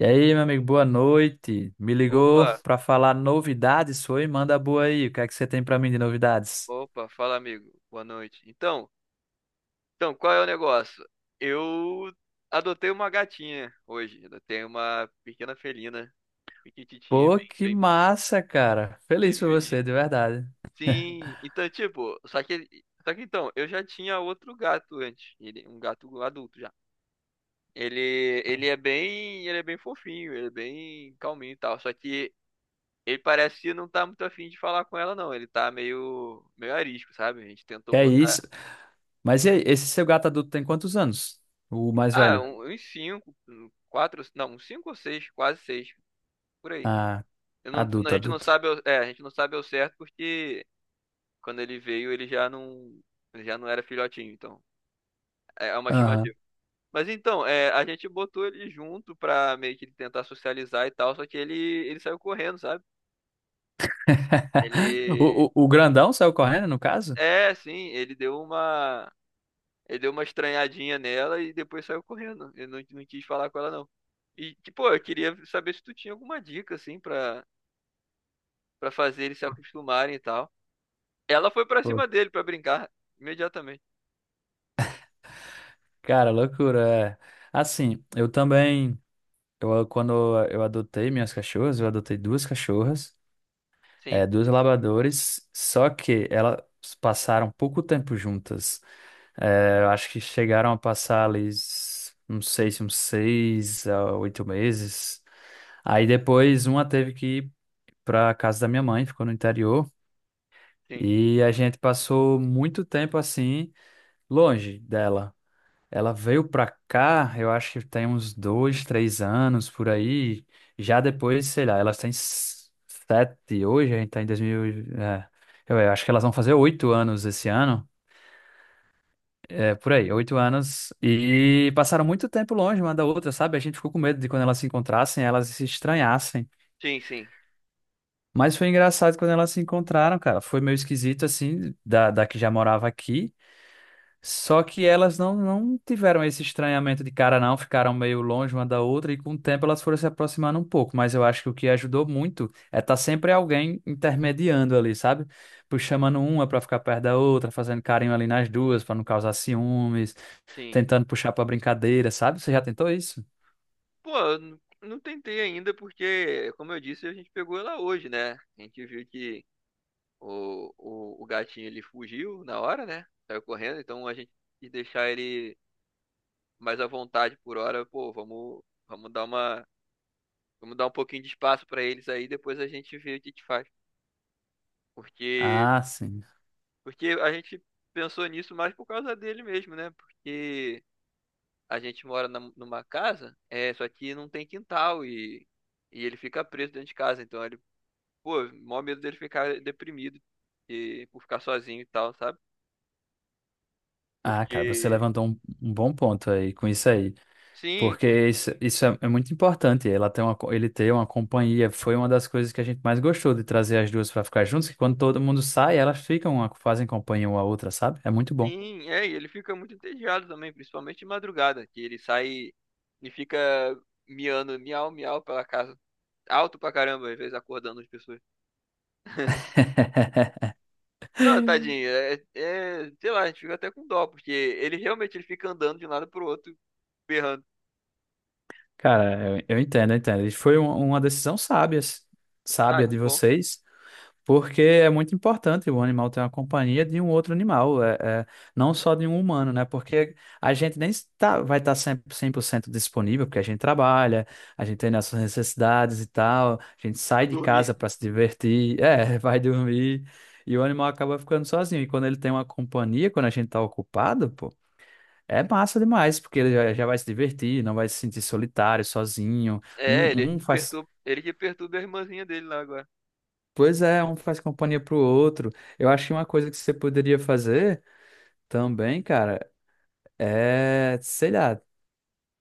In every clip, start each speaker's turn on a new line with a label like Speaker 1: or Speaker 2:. Speaker 1: E aí, meu amigo, boa noite. Me ligou
Speaker 2: Opa,
Speaker 1: pra falar novidades, foi? Manda boa aí. O que é que você tem pra mim de novidades?
Speaker 2: opa, fala amigo, boa noite. Então, qual é o negócio? Eu adotei uma gatinha hoje, adotei uma pequena felina, pequititinha,
Speaker 1: Pô,
Speaker 2: bem,
Speaker 1: que
Speaker 2: bem, bem,
Speaker 1: massa, cara.
Speaker 2: bem
Speaker 1: Feliz por
Speaker 2: miudinha.
Speaker 1: você, de verdade.
Speaker 2: Sim, então, tipo, só que então, eu já tinha outro gato antes, ele, um gato adulto já. Ele é bem fofinho, ele é bem calminho e tal, só que ele parece que não tá muito afim de falar com ela não, ele tá meio arisco, sabe? A gente tentou
Speaker 1: Que é
Speaker 2: botar.
Speaker 1: isso. Mas e aí, esse seu gato adulto tem quantos anos? O mais
Speaker 2: Ah,
Speaker 1: velho?
Speaker 2: uns cinco, um, quatro, não, uns cinco ou seis, quase seis, por aí.
Speaker 1: Ah,
Speaker 2: Eu não, a
Speaker 1: adulto,
Speaker 2: gente não
Speaker 1: adulto.
Speaker 2: sabe, a gente não sabe ao certo porque quando ele veio ele já não era filhotinho, então é uma
Speaker 1: Aham.
Speaker 2: estimativa. Mas então, a gente botou ele junto pra meio que tentar socializar e tal, só que ele saiu correndo, sabe?
Speaker 1: O,
Speaker 2: Ele,
Speaker 1: o, o grandão saiu correndo, no caso?
Speaker 2: sim, ele deu uma estranhadinha nela e depois saiu correndo. Ele não, não quis falar com ela não. E, tipo, eu queria saber se tu tinha alguma dica assim pra fazer eles se acostumarem e tal. Ela foi pra
Speaker 1: Pô,
Speaker 2: cima dele pra brincar imediatamente.
Speaker 1: cara, loucura. É. Assim, eu também. Eu, quando eu adotei minhas cachorras, eu adotei duas cachorras.
Speaker 2: Sim,
Speaker 1: É, duas labradores, só que elas passaram pouco tempo juntas. É, eu acho que chegaram a passar ali, não sei se uns seis a oito meses. Aí depois uma teve que ir para casa da minha mãe, ficou no interior,
Speaker 2: sim,
Speaker 1: e a gente passou muito tempo assim, longe dela. Ela veio pra cá, eu acho que tem uns dois, três anos por aí. Já depois, sei lá, elas têm sete hoje, a gente tá em 2000. É, eu acho que elas vão fazer oito anos esse ano. É, por aí, oito anos. E passaram muito tempo longe uma da outra, sabe? A gente ficou com medo de quando elas se encontrassem, elas se estranhassem.
Speaker 2: sim, sim,
Speaker 1: Mas foi engraçado quando elas se encontraram, cara. Foi meio esquisito, assim, da que já morava aqui. Só que elas não tiveram esse estranhamento de cara, não, ficaram meio longe uma da outra e com o tempo elas foram se aproximando um pouco. Mas eu acho que o que ajudou muito é estar sempre alguém intermediando ali, sabe? Puxando, chamando uma para ficar perto da outra, fazendo carinho ali nas duas para não causar ciúmes,
Speaker 2: sim.
Speaker 1: tentando puxar para brincadeira, sabe? Você já tentou isso?
Speaker 2: Pô, eu não tentei ainda porque, como eu disse, a gente pegou ela hoje, né? A gente viu que o gatinho ele fugiu na hora, né? Saiu correndo, então a gente quis deixar ele mais à vontade por hora. Pô, vamos dar uma, vamos dar um pouquinho de espaço pra eles aí, depois a gente vê o que que faz. Porque,
Speaker 1: Ah, sim.
Speaker 2: porque a gente pensou nisso mais por causa dele mesmo, né? Porque a gente mora numa casa, só que não tem quintal e ele fica preso dentro de casa. Então ele, pô, maior medo dele ficar deprimido e por ficar sozinho e tal, sabe?
Speaker 1: Ah, cara, você
Speaker 2: Porque,
Speaker 1: levantou um bom ponto aí com isso aí.
Speaker 2: sim,
Speaker 1: Porque isso é muito importante. Ela tem uma, ele ter uma companhia foi uma das coisas que a gente mais gostou de trazer as duas para ficar juntos, que quando todo mundo sai, elas ficam, fazem companhia uma à outra, sabe? É muito bom.
Speaker 2: sim, e ele fica muito entediado também, principalmente de madrugada, que ele sai e fica miando, miau, miau pela casa. Alto pra caramba, às vezes acordando as pessoas. Não, tadinho, sei lá, a gente fica até com dó, porque ele realmente ele fica andando de um lado pro outro, berrando.
Speaker 1: Cara, eu entendo, eu entendo. E foi uma decisão sábia,
Speaker 2: Ah,
Speaker 1: sábia de
Speaker 2: que bom.
Speaker 1: vocês. Porque é muito importante o animal ter uma companhia de um outro animal, é, não só de um humano, né? Porque a gente nem está, vai estar sempre 100% disponível, porque a gente trabalha, a gente tem nossas necessidades e tal, a gente sai
Speaker 2: Tipo,
Speaker 1: de
Speaker 2: dormir.
Speaker 1: casa para se divertir, é, vai dormir, e o animal acaba ficando sozinho. E quando ele tem uma companhia, quando a gente está ocupado, pô, é massa demais, porque ele já vai se divertir, não vai se sentir solitário, sozinho.
Speaker 2: É, ele
Speaker 1: Um
Speaker 2: que
Speaker 1: faz
Speaker 2: perturba, ele que perturba a irmãzinha dele lá agora.
Speaker 1: Pois é, um faz companhia pro outro. Eu acho que uma coisa que você poderia fazer também, cara, é, sei lá,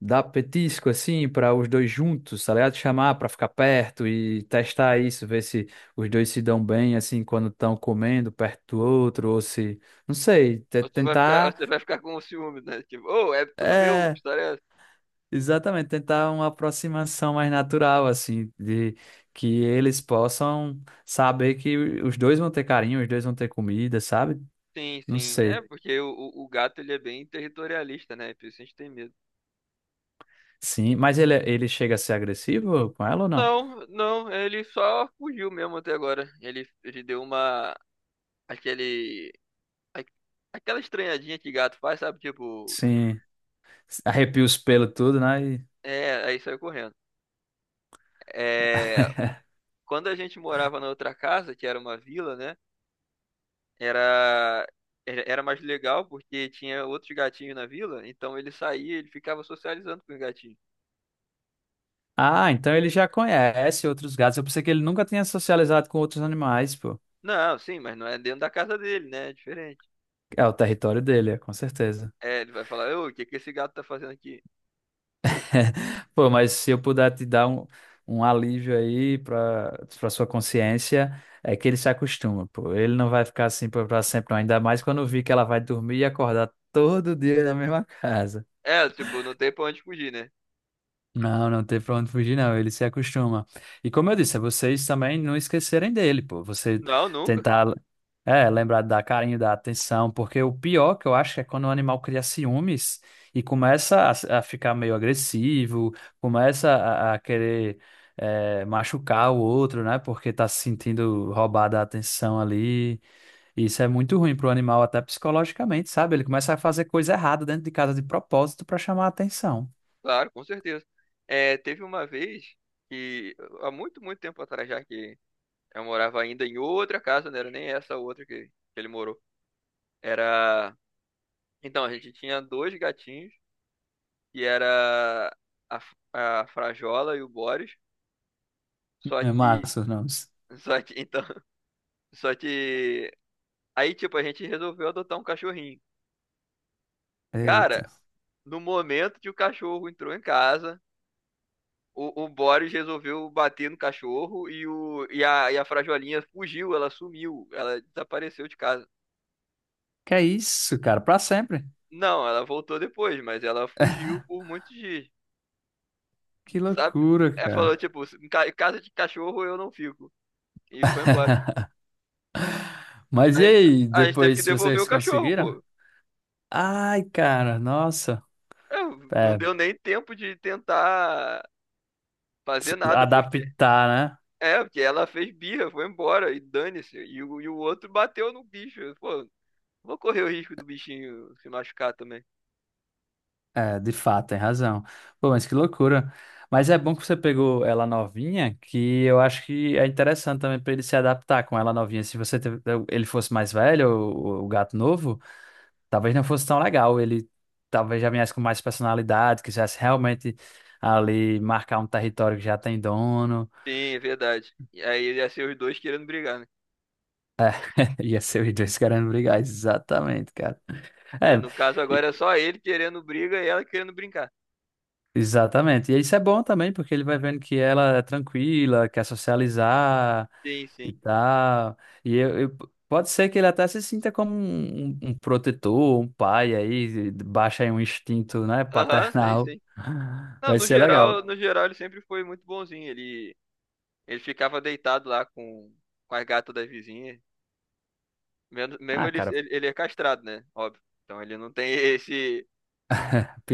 Speaker 1: dar petisco assim para os dois juntos, tá ligado? Chamar para ficar perto e testar isso, ver se os dois se dão bem assim quando estão comendo perto do outro, ou se, não sei,
Speaker 2: Você vai ficar,
Speaker 1: tentar,
Speaker 2: você vai ficar com o ciúme, né? Tipo, ô, é tudo meu, que
Speaker 1: é,
Speaker 2: história é essa?
Speaker 1: exatamente, tentar uma aproximação mais natural assim, de que eles possam saber que os dois vão ter carinho, os dois vão ter comida, sabe?
Speaker 2: Sim,
Speaker 1: Não
Speaker 2: sim. É,
Speaker 1: sei.
Speaker 2: porque o gato, ele é bem territorialista, né? Por isso a gente tem medo.
Speaker 1: Sim, mas ele chega a ser agressivo com ela ou não?
Speaker 2: Não, não, ele só fugiu mesmo até agora. Ele deu uma, aquele, a- aquela estranhadinha que gato faz, sabe? Tipo,
Speaker 1: Sim, arrepia os pelos tudo, né?
Speaker 2: aí saiu correndo. É, quando a gente morava na outra casa, que era uma vila, né? Era era mais legal porque tinha outros gatinhos na vila, então ele saía, ele ficava socializando com os gatinhos.
Speaker 1: Ah, então ele já conhece outros gatos. Eu pensei que ele nunca tinha socializado com outros animais, pô.
Speaker 2: Não, sim, mas não é dentro da casa dele, né? É diferente.
Speaker 1: É o território dele, é, com certeza.
Speaker 2: É, ele vai falar, ô, o que que esse gato tá fazendo aqui?
Speaker 1: Pô, mas se eu puder te dar um alívio aí pra sua consciência, é que ele se acostuma, pô. Ele não vai ficar assim pra sempre, não. Ainda mais quando eu vi que ela vai dormir e acordar todo dia na mesma casa.
Speaker 2: É, tipo, não tem pra onde fugir, né?
Speaker 1: Não, não tem pra onde fugir, não. Ele se acostuma. E como eu disse, é vocês também não esquecerem dele, pô. Você
Speaker 2: Não, nunca.
Speaker 1: tentar, é, lembrar de dar carinho, dar atenção, porque o pior que eu acho é quando o animal cria ciúmes e começa a ficar meio agressivo, começa a querer, é, machucar o outro, né? Porque tá se sentindo roubada a atenção ali. Isso é muito ruim pro animal, até psicologicamente, sabe? Ele começa a fazer coisa errada dentro de casa de propósito pra chamar a atenção.
Speaker 2: Claro, com certeza. É, teve uma vez que, há muito, muito tempo atrás já, que eu morava ainda em outra casa, não era nem essa outra que ele morou. Era. Então, a gente tinha dois gatinhos que era a, a Frajola e o Boris. Só
Speaker 1: É
Speaker 2: que.
Speaker 1: massa, não.
Speaker 2: Só que, então. Só que. Aí, tipo, a gente resolveu adotar um cachorrinho. Cara,
Speaker 1: Eita.
Speaker 2: no momento que o cachorro entrou em casa, o Boris resolveu bater no cachorro e a Frajolinha fugiu, ela sumiu, ela desapareceu de casa.
Speaker 1: Que é isso, cara? Pra sempre.
Speaker 2: Não, ela voltou depois, mas ela fugiu por muitos dias,
Speaker 1: Que
Speaker 2: sabe?
Speaker 1: loucura,
Speaker 2: É, falou,
Speaker 1: cara.
Speaker 2: tipo, em em casa de cachorro eu não fico. E foi embora.
Speaker 1: Mas
Speaker 2: A
Speaker 1: e
Speaker 2: gente,
Speaker 1: aí,
Speaker 2: a gente teve que
Speaker 1: depois
Speaker 2: devolver o
Speaker 1: vocês
Speaker 2: cachorro,
Speaker 1: conseguiram?
Speaker 2: pô.
Speaker 1: Ai, cara, nossa.
Speaker 2: É, não
Speaker 1: É,
Speaker 2: deu nem tempo de tentar fazer nada, porque.
Speaker 1: adaptar, né?
Speaker 2: É, porque ela fez birra, foi embora e dane-se. E o outro bateu no bicho. Pô, vou correr o risco do bichinho se machucar também.
Speaker 1: É, de fato, tem razão. Pô, mas que loucura. Mas é bom que você pegou ela novinha, que eu acho que é interessante também pra ele se adaptar com ela novinha. Se você teve- Ele fosse mais velho, o gato novo. Talvez não fosse tão legal. Ele talvez já viesse com mais personalidade, quisesse realmente ali marcar um território que já tem dono.
Speaker 2: Sim, é verdade. E aí ia ser os dois querendo brigar, né?
Speaker 1: Ia ser os dois querendo brigar. Exatamente, cara.
Speaker 2: É,
Speaker 1: É,
Speaker 2: no caso
Speaker 1: e-
Speaker 2: agora é só ele querendo briga e ela querendo brincar.
Speaker 1: exatamente. E isso é bom também, porque ele vai vendo que ela é tranquila, quer socializar
Speaker 2: Sim,
Speaker 1: e
Speaker 2: sim.
Speaker 1: tal. E pode ser que ele até se sinta como um, um protetor, um pai aí, baixa aí um instinto, né,
Speaker 2: Aham, sim,
Speaker 1: paternal.
Speaker 2: sim. Não,
Speaker 1: Vai
Speaker 2: no
Speaker 1: ser legal.
Speaker 2: geral, no geral ele sempre foi muito bonzinho. Ele ficava deitado lá com as gatas das vizinhas. Mesmo mesmo
Speaker 1: Ah,
Speaker 2: ele,
Speaker 1: cara,
Speaker 2: ele, ele é castrado, né? Óbvio. Então ele não tem esse.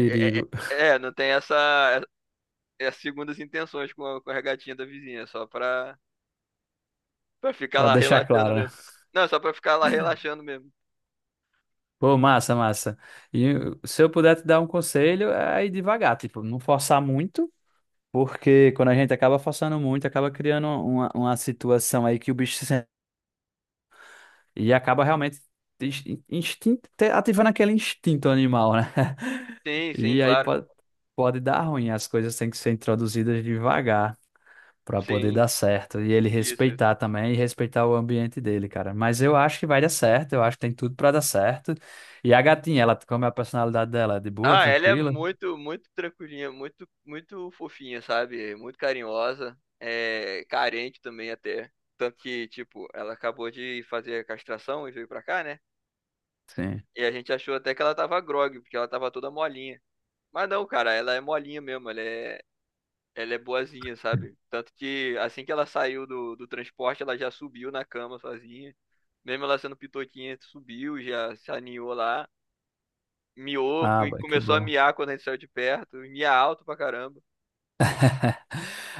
Speaker 2: Não tem essa. É, as segundas intenções com a gatinha da vizinha, só pra ficar
Speaker 1: Pra
Speaker 2: lá
Speaker 1: deixar
Speaker 2: relaxando
Speaker 1: claro, né?
Speaker 2: mesmo. Não, só pra ficar lá relaxando mesmo.
Speaker 1: Pô, massa, massa. E se eu puder te dar um conselho, é ir devagar, tipo, não forçar muito, porque quando a gente acaba forçando muito, acaba criando uma situação aí que o bicho se sente e acaba realmente ins- instinto, ativando aquele instinto animal, né?
Speaker 2: Sim, sim,
Speaker 1: E aí
Speaker 2: claro.
Speaker 1: pode, pode dar ruim, as coisas têm que ser introduzidas devagar para poder
Speaker 2: Sim,
Speaker 1: dar certo. E ele
Speaker 2: isso, isso.
Speaker 1: respeitar também e respeitar o ambiente dele, cara. Mas eu acho que vai dar certo, eu acho que tem tudo para dar certo. E a gatinha, ela, como é a personalidade dela? É de boa,
Speaker 2: Ah, ela é
Speaker 1: tranquila?
Speaker 2: muito, muito tranquilinha, muito, muito fofinha, sabe? Muito carinhosa, é carente também até. Tanto que, tipo, ela acabou de fazer a castração e veio pra cá, né?
Speaker 1: Sim.
Speaker 2: E a gente achou até que ela tava grogue, porque ela tava toda molinha. Mas não, cara, ela é molinha mesmo, ela é boazinha, sabe? Tanto que assim que ela saiu do transporte, ela já subiu na cama sozinha. Mesmo ela sendo pitoquinha, subiu, já se aninhou lá, miou
Speaker 1: Ah,
Speaker 2: e
Speaker 1: que
Speaker 2: começou a
Speaker 1: bom.
Speaker 2: miar quando a gente saiu de perto, e mia alto pra caramba.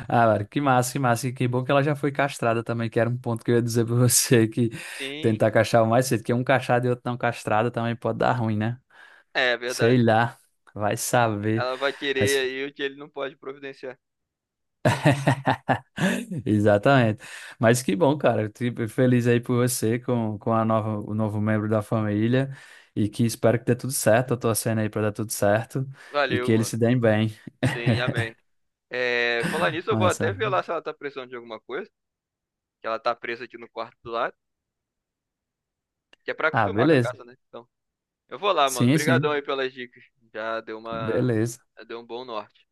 Speaker 1: Ah, mano, que massa, que massa. E que bom que ela já foi castrada também, que era um ponto que eu ia dizer pra você, que
Speaker 2: Sim,
Speaker 1: tentar castrar o mais cedo, que um castrado e outro não castrado também pode dar ruim, né?
Speaker 2: é verdade.
Speaker 1: Sei lá, vai saber.
Speaker 2: Ela vai querer
Speaker 1: Mas
Speaker 2: aí o que ele não pode providenciar.
Speaker 1: exatamente. Mas que bom, cara. Eu fico feliz aí por você com a nova, o novo membro da família e que espero que dê tudo certo. Eu tô torcendo aí para dar tudo certo e
Speaker 2: Valeu,
Speaker 1: que eles
Speaker 2: mano.
Speaker 1: se deem bem.
Speaker 2: Sim, amém. É, falar nisso, eu vou até
Speaker 1: Massa.
Speaker 2: ver lá se ela tá precisando de alguma coisa, que ela tá presa aqui no quarto do lado. Que é pra
Speaker 1: Ah,
Speaker 2: acostumar com a
Speaker 1: beleza.
Speaker 2: casa, né? Então, eu vou lá, mano.
Speaker 1: Sim,
Speaker 2: Obrigadão
Speaker 1: sim.
Speaker 2: aí pelas dicas. Já deu uma,
Speaker 1: Beleza.
Speaker 2: já deu um bom norte.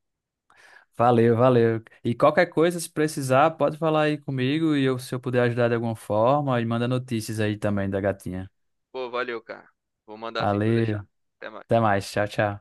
Speaker 1: Valeu, valeu. E qualquer coisa, se precisar, pode falar aí comigo e eu, se eu puder ajudar de alguma forma, e manda notícias aí também da gatinha.
Speaker 2: Pô, valeu, cara. Vou mandar assim pra deixar.
Speaker 1: Valeu.
Speaker 2: Até
Speaker 1: Até
Speaker 2: mais.
Speaker 1: mais. Tchau, tchau.